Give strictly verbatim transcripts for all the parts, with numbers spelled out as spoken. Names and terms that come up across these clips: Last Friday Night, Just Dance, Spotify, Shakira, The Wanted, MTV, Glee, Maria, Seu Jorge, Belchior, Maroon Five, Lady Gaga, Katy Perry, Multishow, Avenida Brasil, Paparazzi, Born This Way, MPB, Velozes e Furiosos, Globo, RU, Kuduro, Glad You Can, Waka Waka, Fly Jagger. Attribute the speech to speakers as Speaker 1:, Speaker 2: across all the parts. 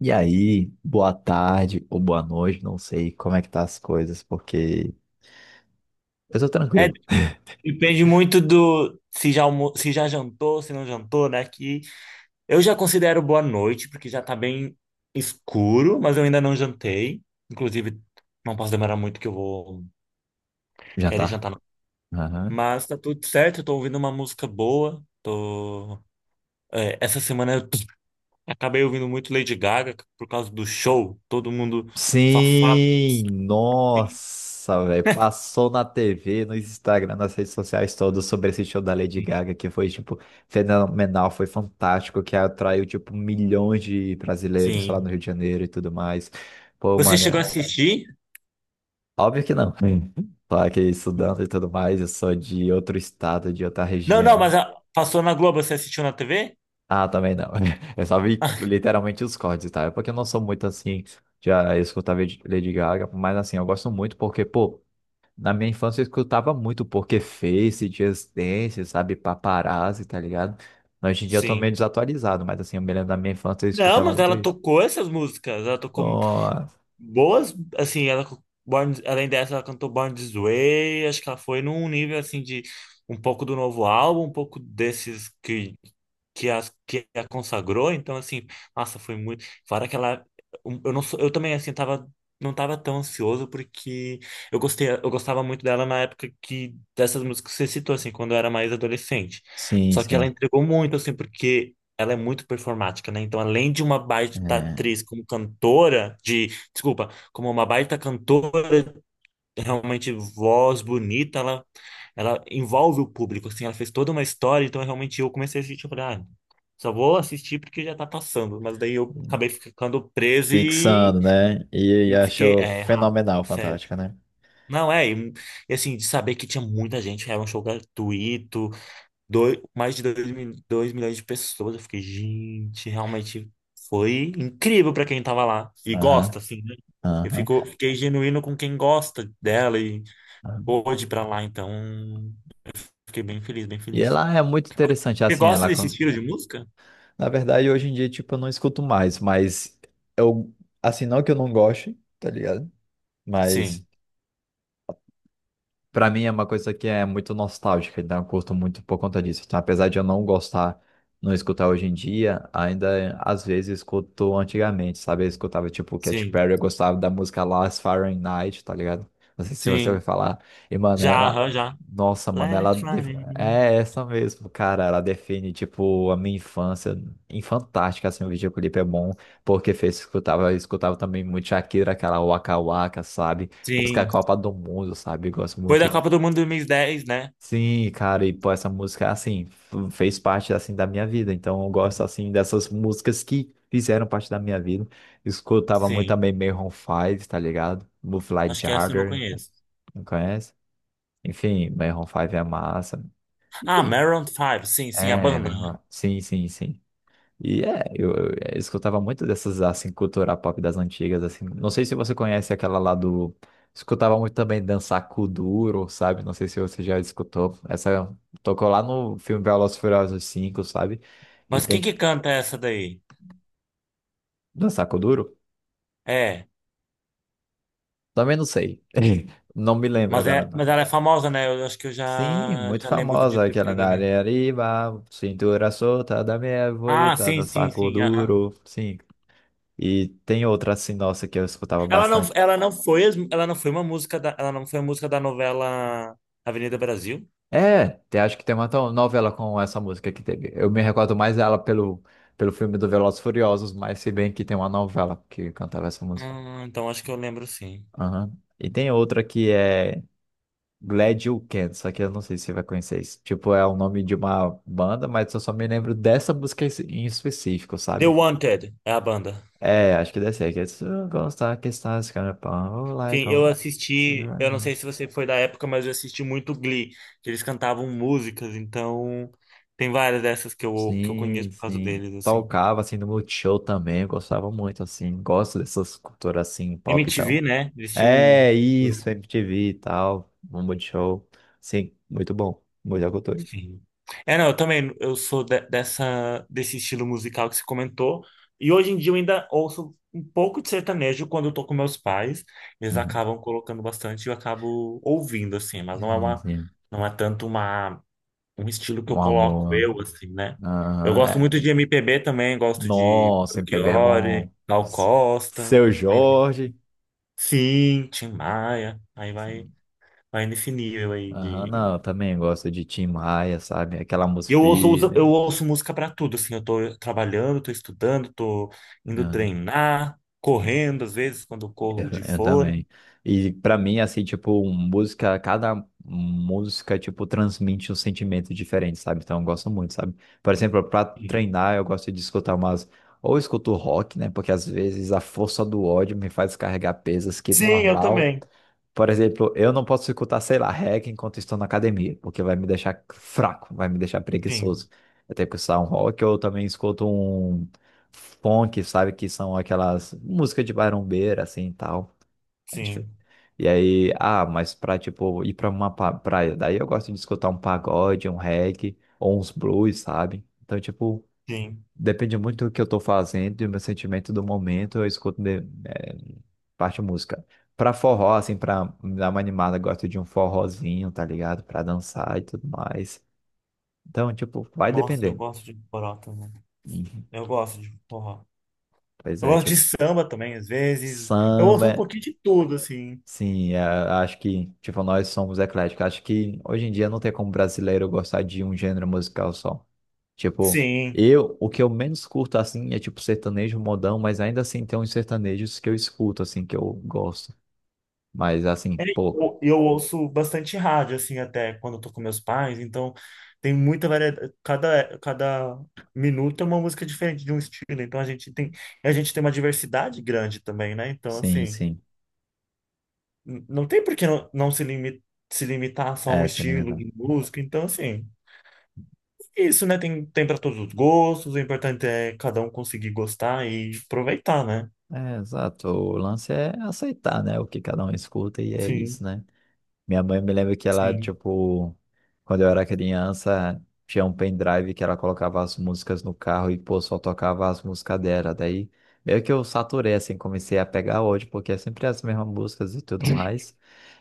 Speaker 1: E aí, boa tarde ou boa noite, não sei como é que tá as coisas, porque eu tô
Speaker 2: É,
Speaker 1: tranquilo.
Speaker 2: depende muito do se já, almo- se já jantou, se não jantou, né? Que eu já considero boa noite, porque já tá bem escuro, mas eu ainda não jantei. Inclusive, não posso demorar muito que eu vou querer
Speaker 1: Jantar?
Speaker 2: jantar. Não.
Speaker 1: Aham.
Speaker 2: Mas tá tudo certo, eu tô ouvindo uma música boa. Tô... é, essa semana eu tô- acabei ouvindo muito Lady Gaga por causa do show. Todo mundo só fala
Speaker 1: Sim,
Speaker 2: assim.
Speaker 1: nossa, velho, passou na T V, no Instagram, nas redes sociais todas sobre esse show da Lady
Speaker 2: Sim.
Speaker 1: Gaga, que foi, tipo, fenomenal, foi fantástico, que atraiu, tipo, milhões de brasileiros lá
Speaker 2: Sim.
Speaker 1: no Rio de Janeiro e tudo mais. Pô,
Speaker 2: Você
Speaker 1: mano,
Speaker 2: chegou
Speaker 1: é-
Speaker 2: a assistir?
Speaker 1: óbvio que não. Hum. Só que estudando e tudo mais, eu sou de outro estado, de outra
Speaker 2: Não, não,
Speaker 1: região.
Speaker 2: mas a- passou na Globo, você assistiu na T V?
Speaker 1: Ah, também não. Eu só vi literalmente os cortes, tá? É porque eu não sou muito assim, já escutava Lady Gaga, mas assim, eu gosto muito porque, pô, na minha infância eu escutava muito porque Face, Just Dance, sabe, Paparazzi, tá ligado? Hoje em dia eu tô
Speaker 2: Sim.
Speaker 1: meio desatualizado, mas assim, eu me lembro da minha infância eu
Speaker 2: Não,
Speaker 1: escutava
Speaker 2: mas
Speaker 1: muito
Speaker 2: ela
Speaker 1: isso.
Speaker 2: tocou essas músicas. Ela tocou
Speaker 1: Nossa.
Speaker 2: boas, assim, ela, Born- além dessa, ela cantou Born This Way, acho que ela foi num nível, assim, de um pouco do novo álbum, um pouco desses que, que, as, que a consagrou, então, assim, nossa, foi muito, fora que ela, um, eu não sou, eu também, assim, tava, não tava tão ansioso, porque eu gostei, eu gostava muito dela na época que, dessas músicas que você citou, assim, quando eu era mais adolescente,
Speaker 1: Sim,
Speaker 2: só que ela
Speaker 1: sim.
Speaker 2: entregou muito, assim, porque... Ela é muito performática, né? Então, além de uma baita
Speaker 1: É.
Speaker 2: atriz como cantora, de desculpa, como uma baita cantora, realmente voz bonita, ela, ela envolve o público, assim, ela fez toda uma história, então realmente eu comecei a assistir, eu falei, ah, só vou assistir porque já tá passando, mas daí eu acabei ficando preso e,
Speaker 1: Fixando, né? E, e
Speaker 2: e fiquei,
Speaker 1: achou
Speaker 2: é, errado.
Speaker 1: fenomenal,
Speaker 2: Certo.
Speaker 1: fantástica, né?
Speaker 2: Não, é, e, e assim, de saber que tinha muita gente, era um show gratuito, Dois, mais de dois mil dois milhões de pessoas. Eu fiquei, gente, realmente foi incrível pra quem tava lá e
Speaker 1: Aham,
Speaker 2: gosta, assim, né? Eu
Speaker 1: aham.
Speaker 2: fico, fiquei genuíno com quem gosta dela e pôde ir pra lá, então fiquei bem feliz, bem
Speaker 1: E
Speaker 2: feliz.
Speaker 1: ela é muito interessante,
Speaker 2: Você
Speaker 1: assim,
Speaker 2: gosta
Speaker 1: ela.
Speaker 2: desse estilo de música?
Speaker 1: Na verdade, hoje em dia, tipo, eu não escuto mais, mas eu, assim, não que eu não goste, tá ligado? Mas
Speaker 2: Sim,
Speaker 1: pra mim é uma coisa que é muito nostálgica, então eu curto muito por conta disso. Então, apesar de eu não gostar, não escutar hoje em dia, ainda às vezes escuto antigamente, sabe? Eu escutava tipo Katy
Speaker 2: sim,
Speaker 1: Perry, eu gostava da música Last Friday Night, tá ligado? Não sei se você ouviu
Speaker 2: sim.
Speaker 1: falar. E, mano,
Speaker 2: Já,
Speaker 1: ela.
Speaker 2: aham, já.
Speaker 1: Nossa, mano, ela.
Speaker 2: Let's
Speaker 1: def-
Speaker 2: Friday, né?
Speaker 1: É essa mesmo, cara. Ela define, tipo, a minha infância. Em fantástica, assim, o videoclipe é bom, porque fez, escutava, eu escutava também muito Shakira, aquela Waka Waka, sabe? Música
Speaker 2: Sim.
Speaker 1: Copa do Mundo, sabe? Eu gosto
Speaker 2: Foi
Speaker 1: muito.
Speaker 2: da
Speaker 1: De-
Speaker 2: Copa do Mundo dois mil e dez, né?
Speaker 1: Sim, cara, e pô, essa música, assim, f- fez parte, assim, da minha vida. Então, eu gosto, assim, dessas músicas que fizeram parte da minha vida. Escutava muito
Speaker 2: Sim.
Speaker 1: também Maroon Five, tá ligado? Fly
Speaker 2: Acho que essa eu não
Speaker 1: Jagger,
Speaker 2: conheço.
Speaker 1: não conhece? Enfim, Maroon Five é massa.
Speaker 2: Ah,
Speaker 1: Enfim,
Speaker 2: Maroon Five, sim, sim, a
Speaker 1: é,
Speaker 2: banda, né?
Speaker 1: Maroon... Sim, sim, sim. E é, eu, eu é, eu escutava muito dessas, assim, cultura pop das antigas, assim. Não sei se você conhece aquela lá do... Escutava muito também dançar Kuduro, sabe? Não sei se você já escutou. Essa tocou lá no filme Velozes e Furiosos cinco, sabe? E
Speaker 2: Mas quem
Speaker 1: tem
Speaker 2: que canta essa daí?
Speaker 1: dançar Kuduro?
Speaker 2: É.
Speaker 1: Também não sei. Não me lembro
Speaker 2: Mas,
Speaker 1: agora,
Speaker 2: é, mas
Speaker 1: não.
Speaker 2: ela é famosa, né? Eu acho que eu já,
Speaker 1: Sim, muito
Speaker 2: já lembro de
Speaker 1: famosa
Speaker 2: ter
Speaker 1: aquela
Speaker 2: pego
Speaker 1: na
Speaker 2: ali.
Speaker 1: areia arriba, cintura solta da minha
Speaker 2: Ah,
Speaker 1: voita,
Speaker 2: sim, sim,
Speaker 1: dançar
Speaker 2: sim, aham.
Speaker 1: Kuduro, sim. E tem outra assim, nossa, que eu escutava
Speaker 2: Ela não,
Speaker 1: bastante.
Speaker 2: ela não foi, as- ela não foi uma música da, ela não foi a música da novela Avenida Brasil?
Speaker 1: É, te- acho que tem uma to- novela com essa música que teve. Eu me recordo mais dela pelo, pelo filme do Velozes e Furiosos, mas se bem que tem uma novela que cantava essa música.
Speaker 2: Hum, então acho que eu lembro, sim.
Speaker 1: Aham. E tem outra que é Glad You Can, só que eu não sei se você vai conhecer isso. Tipo, é o nome de uma banda, mas eu só me lembro dessa música em específico,
Speaker 2: The
Speaker 1: sabe?
Speaker 2: Wanted é a banda.
Speaker 1: É, acho que deve ser. Que é, "So gonna start, get started, it's gonna pop
Speaker 2: Sim,
Speaker 1: like
Speaker 2: eu
Speaker 1: on- see you
Speaker 2: assisti, eu não
Speaker 1: around."
Speaker 2: sei se você foi da época, mas eu assisti muito Glee, que eles cantavam músicas, então tem várias dessas que eu, que eu
Speaker 1: Sim,
Speaker 2: conheço por causa
Speaker 1: sim.
Speaker 2: deles, assim.
Speaker 1: Tocava assim no Multishow também, eu gostava muito assim, gosto dessas culturas assim, pop e
Speaker 2: M T V,
Speaker 1: tal.
Speaker 2: né? Eles tinham.
Speaker 1: É isso, M T V e tal, no Multishow. Sim, muito bom, muita cultura.
Speaker 2: Sim. É, não, eu também, eu sou de- dessa, desse estilo musical que você comentou, e hoje em dia eu ainda ouço um pouco de sertanejo quando eu tô com meus pais, eles
Speaker 1: Uhum.
Speaker 2: acabam colocando bastante e eu acabo ouvindo, assim, mas não é
Speaker 1: Sim,
Speaker 2: uma,
Speaker 1: sim.
Speaker 2: não é tanto uma, um estilo que
Speaker 1: Um
Speaker 2: eu coloco
Speaker 1: amor.
Speaker 2: eu, assim, né? Eu
Speaker 1: Aham,
Speaker 2: gosto
Speaker 1: é.
Speaker 2: muito de M P B também, gosto de
Speaker 1: Nossa, M P B é
Speaker 2: Belchior,
Speaker 1: bom.
Speaker 2: Gal
Speaker 1: S-
Speaker 2: Costa,
Speaker 1: Seu
Speaker 2: aí,
Speaker 1: Jorge.
Speaker 2: sim, Tim Maia, aí vai, vai nesse nível aí.
Speaker 1: Aham, não, eu também gosto de Tim Maia, sabe? Aquela música.
Speaker 2: Eu ouço, usa- eu ouço música pra tudo, assim, eu tô trabalhando, tô estudando, tô indo
Speaker 1: Né?
Speaker 2: treinar, correndo, às vezes, quando eu
Speaker 1: Eu,
Speaker 2: corro de
Speaker 1: eu
Speaker 2: fone.
Speaker 1: também. E pra mim, assim, tipo, música, cada música, tipo, transmite um sentimento diferente, sabe? Então eu gosto muito, sabe? Por exemplo, pra
Speaker 2: Sim,
Speaker 1: treinar, eu gosto de escutar umas. Ou eu escuto rock, né? Porque às vezes a força do ódio me faz carregar pesas que
Speaker 2: sim, eu
Speaker 1: normal.
Speaker 2: também.
Speaker 1: Por exemplo, eu não posso escutar, sei lá, reggae enquanto estou na academia, porque vai me deixar fraco, vai me deixar
Speaker 2: Sim,
Speaker 1: preguiçoso. Eu tenho que escutar um rock, ou eu também escuto um funk, sabe? Que são aquelas músicas de barombeira, assim, e tal. A gente fe-
Speaker 2: sim,
Speaker 1: E aí, ah, mas pra, tipo, ir pra uma pa- praia, daí eu gosto de escutar um pagode, um reggae, ou uns blues, sabe? Então, tipo,
Speaker 2: sim.
Speaker 1: depende muito do que eu tô fazendo e do meu sentimento do momento, eu escuto de, eh, parte música. Pra forró, assim, pra me dar uma animada, eu gosto de um forrozinho, tá ligado? Pra dançar e tudo mais. Então, tipo, vai
Speaker 2: Nossa, eu
Speaker 1: depender.
Speaker 2: gosto de forró também.
Speaker 1: Uhum.
Speaker 2: Eu gosto de forró.
Speaker 1: Pois
Speaker 2: Eu
Speaker 1: é,
Speaker 2: gosto de
Speaker 1: tipo,
Speaker 2: samba também, às vezes. Eu
Speaker 1: samba.
Speaker 2: ouço um
Speaker 1: É
Speaker 2: pouquinho de tudo, assim.
Speaker 1: sim, é, acho que, tipo, nós somos ecléticos. Acho que hoje em dia não tem como brasileiro gostar de um gênero musical só. Tipo,
Speaker 2: Sim.
Speaker 1: eu, o que eu menos curto, assim, é tipo sertanejo modão, mas ainda assim tem uns sertanejos que eu escuto, assim, que eu gosto. Mas, assim,
Speaker 2: É,
Speaker 1: pouco.
Speaker 2: Eu, eu ouço bastante rádio, assim, até quando eu tô com meus pais, então tem muita variedade. Cada, cada minuto é uma música diferente de um estilo, então a gente tem, a gente tem uma diversidade grande também, né? Então,
Speaker 1: Sim,
Speaker 2: assim,
Speaker 1: sim.
Speaker 2: n- não tem por que não, não se limi- se limitar só a um
Speaker 1: É, se
Speaker 2: estilo
Speaker 1: alimentando.
Speaker 2: de música. Então, assim, é isso, né? Tem, tem para todos os gostos, o importante é cada um conseguir gostar e aproveitar, né?
Speaker 1: É, exato. O lance é aceitar, né, o que cada um escuta e é isso,
Speaker 2: Sim,
Speaker 1: né? Minha mãe me lembra que ela,
Speaker 2: sim,
Speaker 1: tipo, quando eu era criança, tinha um pendrive que ela colocava as músicas no carro e, pô, só tocava as músicas dela. Daí, meio que eu saturei, assim, comecei a pegar hoje, porque é sempre as mesmas músicas e tudo mais.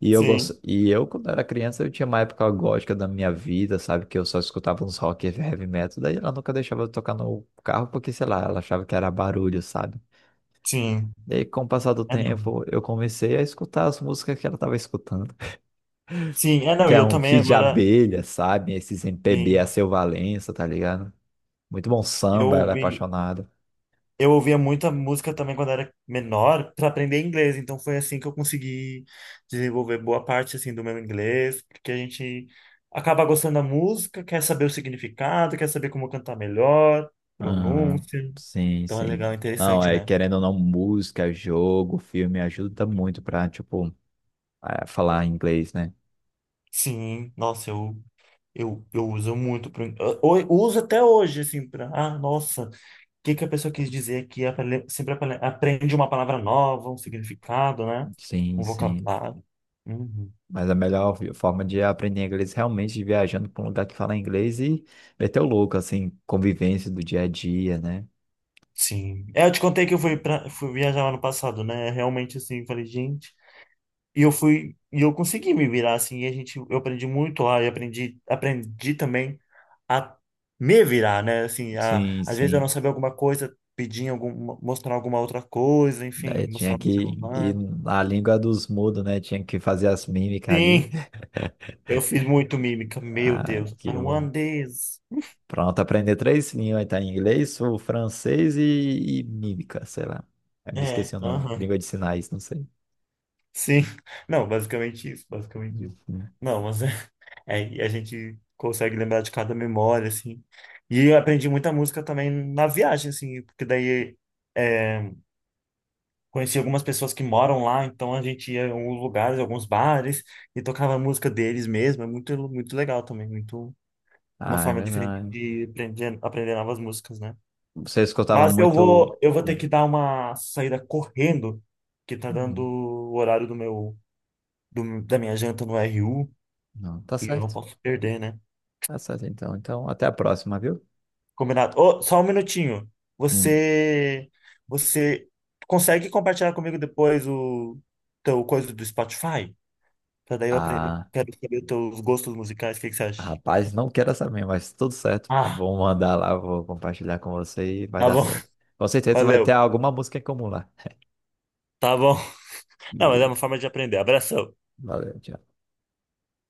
Speaker 1: E eu, gosto...
Speaker 2: sim,
Speaker 1: e eu quando era criança, eu tinha uma época gótica da minha vida, sabe? Que eu só escutava uns rock e heavy metal. Daí ela nunca deixava eu tocar no carro, porque, sei lá, ela achava que era barulho, sabe?
Speaker 2: sim.
Speaker 1: Daí, com o passar do
Speaker 2: É, não.
Speaker 1: tempo, eu comecei a escutar as músicas que ela estava escutando
Speaker 2: Sim, é, não,
Speaker 1: que
Speaker 2: e
Speaker 1: é
Speaker 2: eu
Speaker 1: um
Speaker 2: também
Speaker 1: kit de
Speaker 2: agora.
Speaker 1: abelha, sabe? Esses M P B a
Speaker 2: Sim.
Speaker 1: seu Valença, tá ligado? Muito bom
Speaker 2: Eu
Speaker 1: samba, ela é
Speaker 2: ouvi,
Speaker 1: apaixonada.
Speaker 2: eu ouvia muita música também quando era menor para aprender inglês, então foi assim que eu consegui desenvolver boa parte assim do meu inglês, porque a gente acaba gostando da música, quer saber o significado, quer saber como cantar melhor,
Speaker 1: Aham,
Speaker 2: pronúncia.
Speaker 1: sim,
Speaker 2: Então é legal,
Speaker 1: sim. Não,
Speaker 2: interessante,
Speaker 1: é
Speaker 2: né?
Speaker 1: querendo ou não, música, jogo, filme ajuda muito pra, tipo, é, falar inglês, né?
Speaker 2: Sim, nossa, eu eu, eu uso muito pro, eu, eu uso até hoje assim para, ah, nossa, que que a pessoa quis dizer que apre- sempre apre- aprende uma palavra nova, um significado, né?
Speaker 1: Sim,
Speaker 2: Um
Speaker 1: sim.
Speaker 2: vocabulário. Uhum.
Speaker 1: Mas a melhor vi- forma de aprender inglês é realmente viajando pra um lugar que fala inglês e meter o louco, assim, convivência do dia a dia, né?
Speaker 2: Sim. É, eu te contei que eu fui para fui viajar lá no passado, né? Realmente assim, falei, gente, e eu fui e eu consegui me virar assim, e a gente eu aprendi muito lá e aprendi aprendi também a me virar, né? Assim, a,
Speaker 1: Sim,
Speaker 2: às vezes eu não
Speaker 1: sim.
Speaker 2: sabia alguma coisa, pedir algum mostrar alguma outra coisa, enfim,
Speaker 1: Daí tinha
Speaker 2: mostrar no
Speaker 1: que ir
Speaker 2: celular.
Speaker 1: na língua dos mudos, né? Tinha que fazer as mímicas ali.
Speaker 2: Sim, eu fiz muito mímica, meu
Speaker 1: Ah,
Speaker 2: Deus. I
Speaker 1: que bom.
Speaker 2: want this.
Speaker 1: Pronto, aprender três línguas, tá? Inglês, o francês e, e mímica, sei lá. Eu me
Speaker 2: É,
Speaker 1: esqueci o nome,
Speaker 2: aham.
Speaker 1: língua de sinais, não sei.
Speaker 2: Sim. Não, basicamente isso, basicamente isso.
Speaker 1: Uhum.
Speaker 2: Não, mas é, é, e a gente consegue lembrar de cada memória, assim. E eu aprendi muita música também na viagem, assim, porque daí, é, conheci algumas pessoas que moram lá, então a gente ia em alguns lugares, alguns bares, e tocava a música deles mesmo. É muito, muito legal também, muito uma
Speaker 1: Ah, é
Speaker 2: forma diferente
Speaker 1: verdade.
Speaker 2: de aprender, aprender novas músicas, né?
Speaker 1: Você escutava
Speaker 2: Mas eu
Speaker 1: muito.
Speaker 2: vou, eu vou ter
Speaker 1: Hum.
Speaker 2: que dar uma saída correndo, que tá dando
Speaker 1: Uhum.
Speaker 2: o horário do meu do- da minha janta no R U
Speaker 1: Não, tá
Speaker 2: e eu não
Speaker 1: certo.
Speaker 2: posso perder, né?
Speaker 1: Tá certo, então. Então, até a próxima, viu?
Speaker 2: Combinado. Ô, só um minutinho.
Speaker 1: Hum.
Speaker 2: Você, você consegue compartilhar comigo depois o teu coisa do Spotify? Pra daí eu aprender. Eu
Speaker 1: Ah,
Speaker 2: quero saber os teus gostos musicais. O que que você acha?
Speaker 1: rapaz, não quero saber, mas tudo certo.
Speaker 2: Ah,
Speaker 1: Vou mandar lá, vou compartilhar com você e vai
Speaker 2: tá
Speaker 1: dar
Speaker 2: bom.
Speaker 1: certo. Com certeza vai ter
Speaker 2: Valeu.
Speaker 1: alguma música em comum lá.
Speaker 2: Tá bom. Não, mas é uma
Speaker 1: Beleza.
Speaker 2: forma de aprender. Abração.
Speaker 1: Valeu, tchau.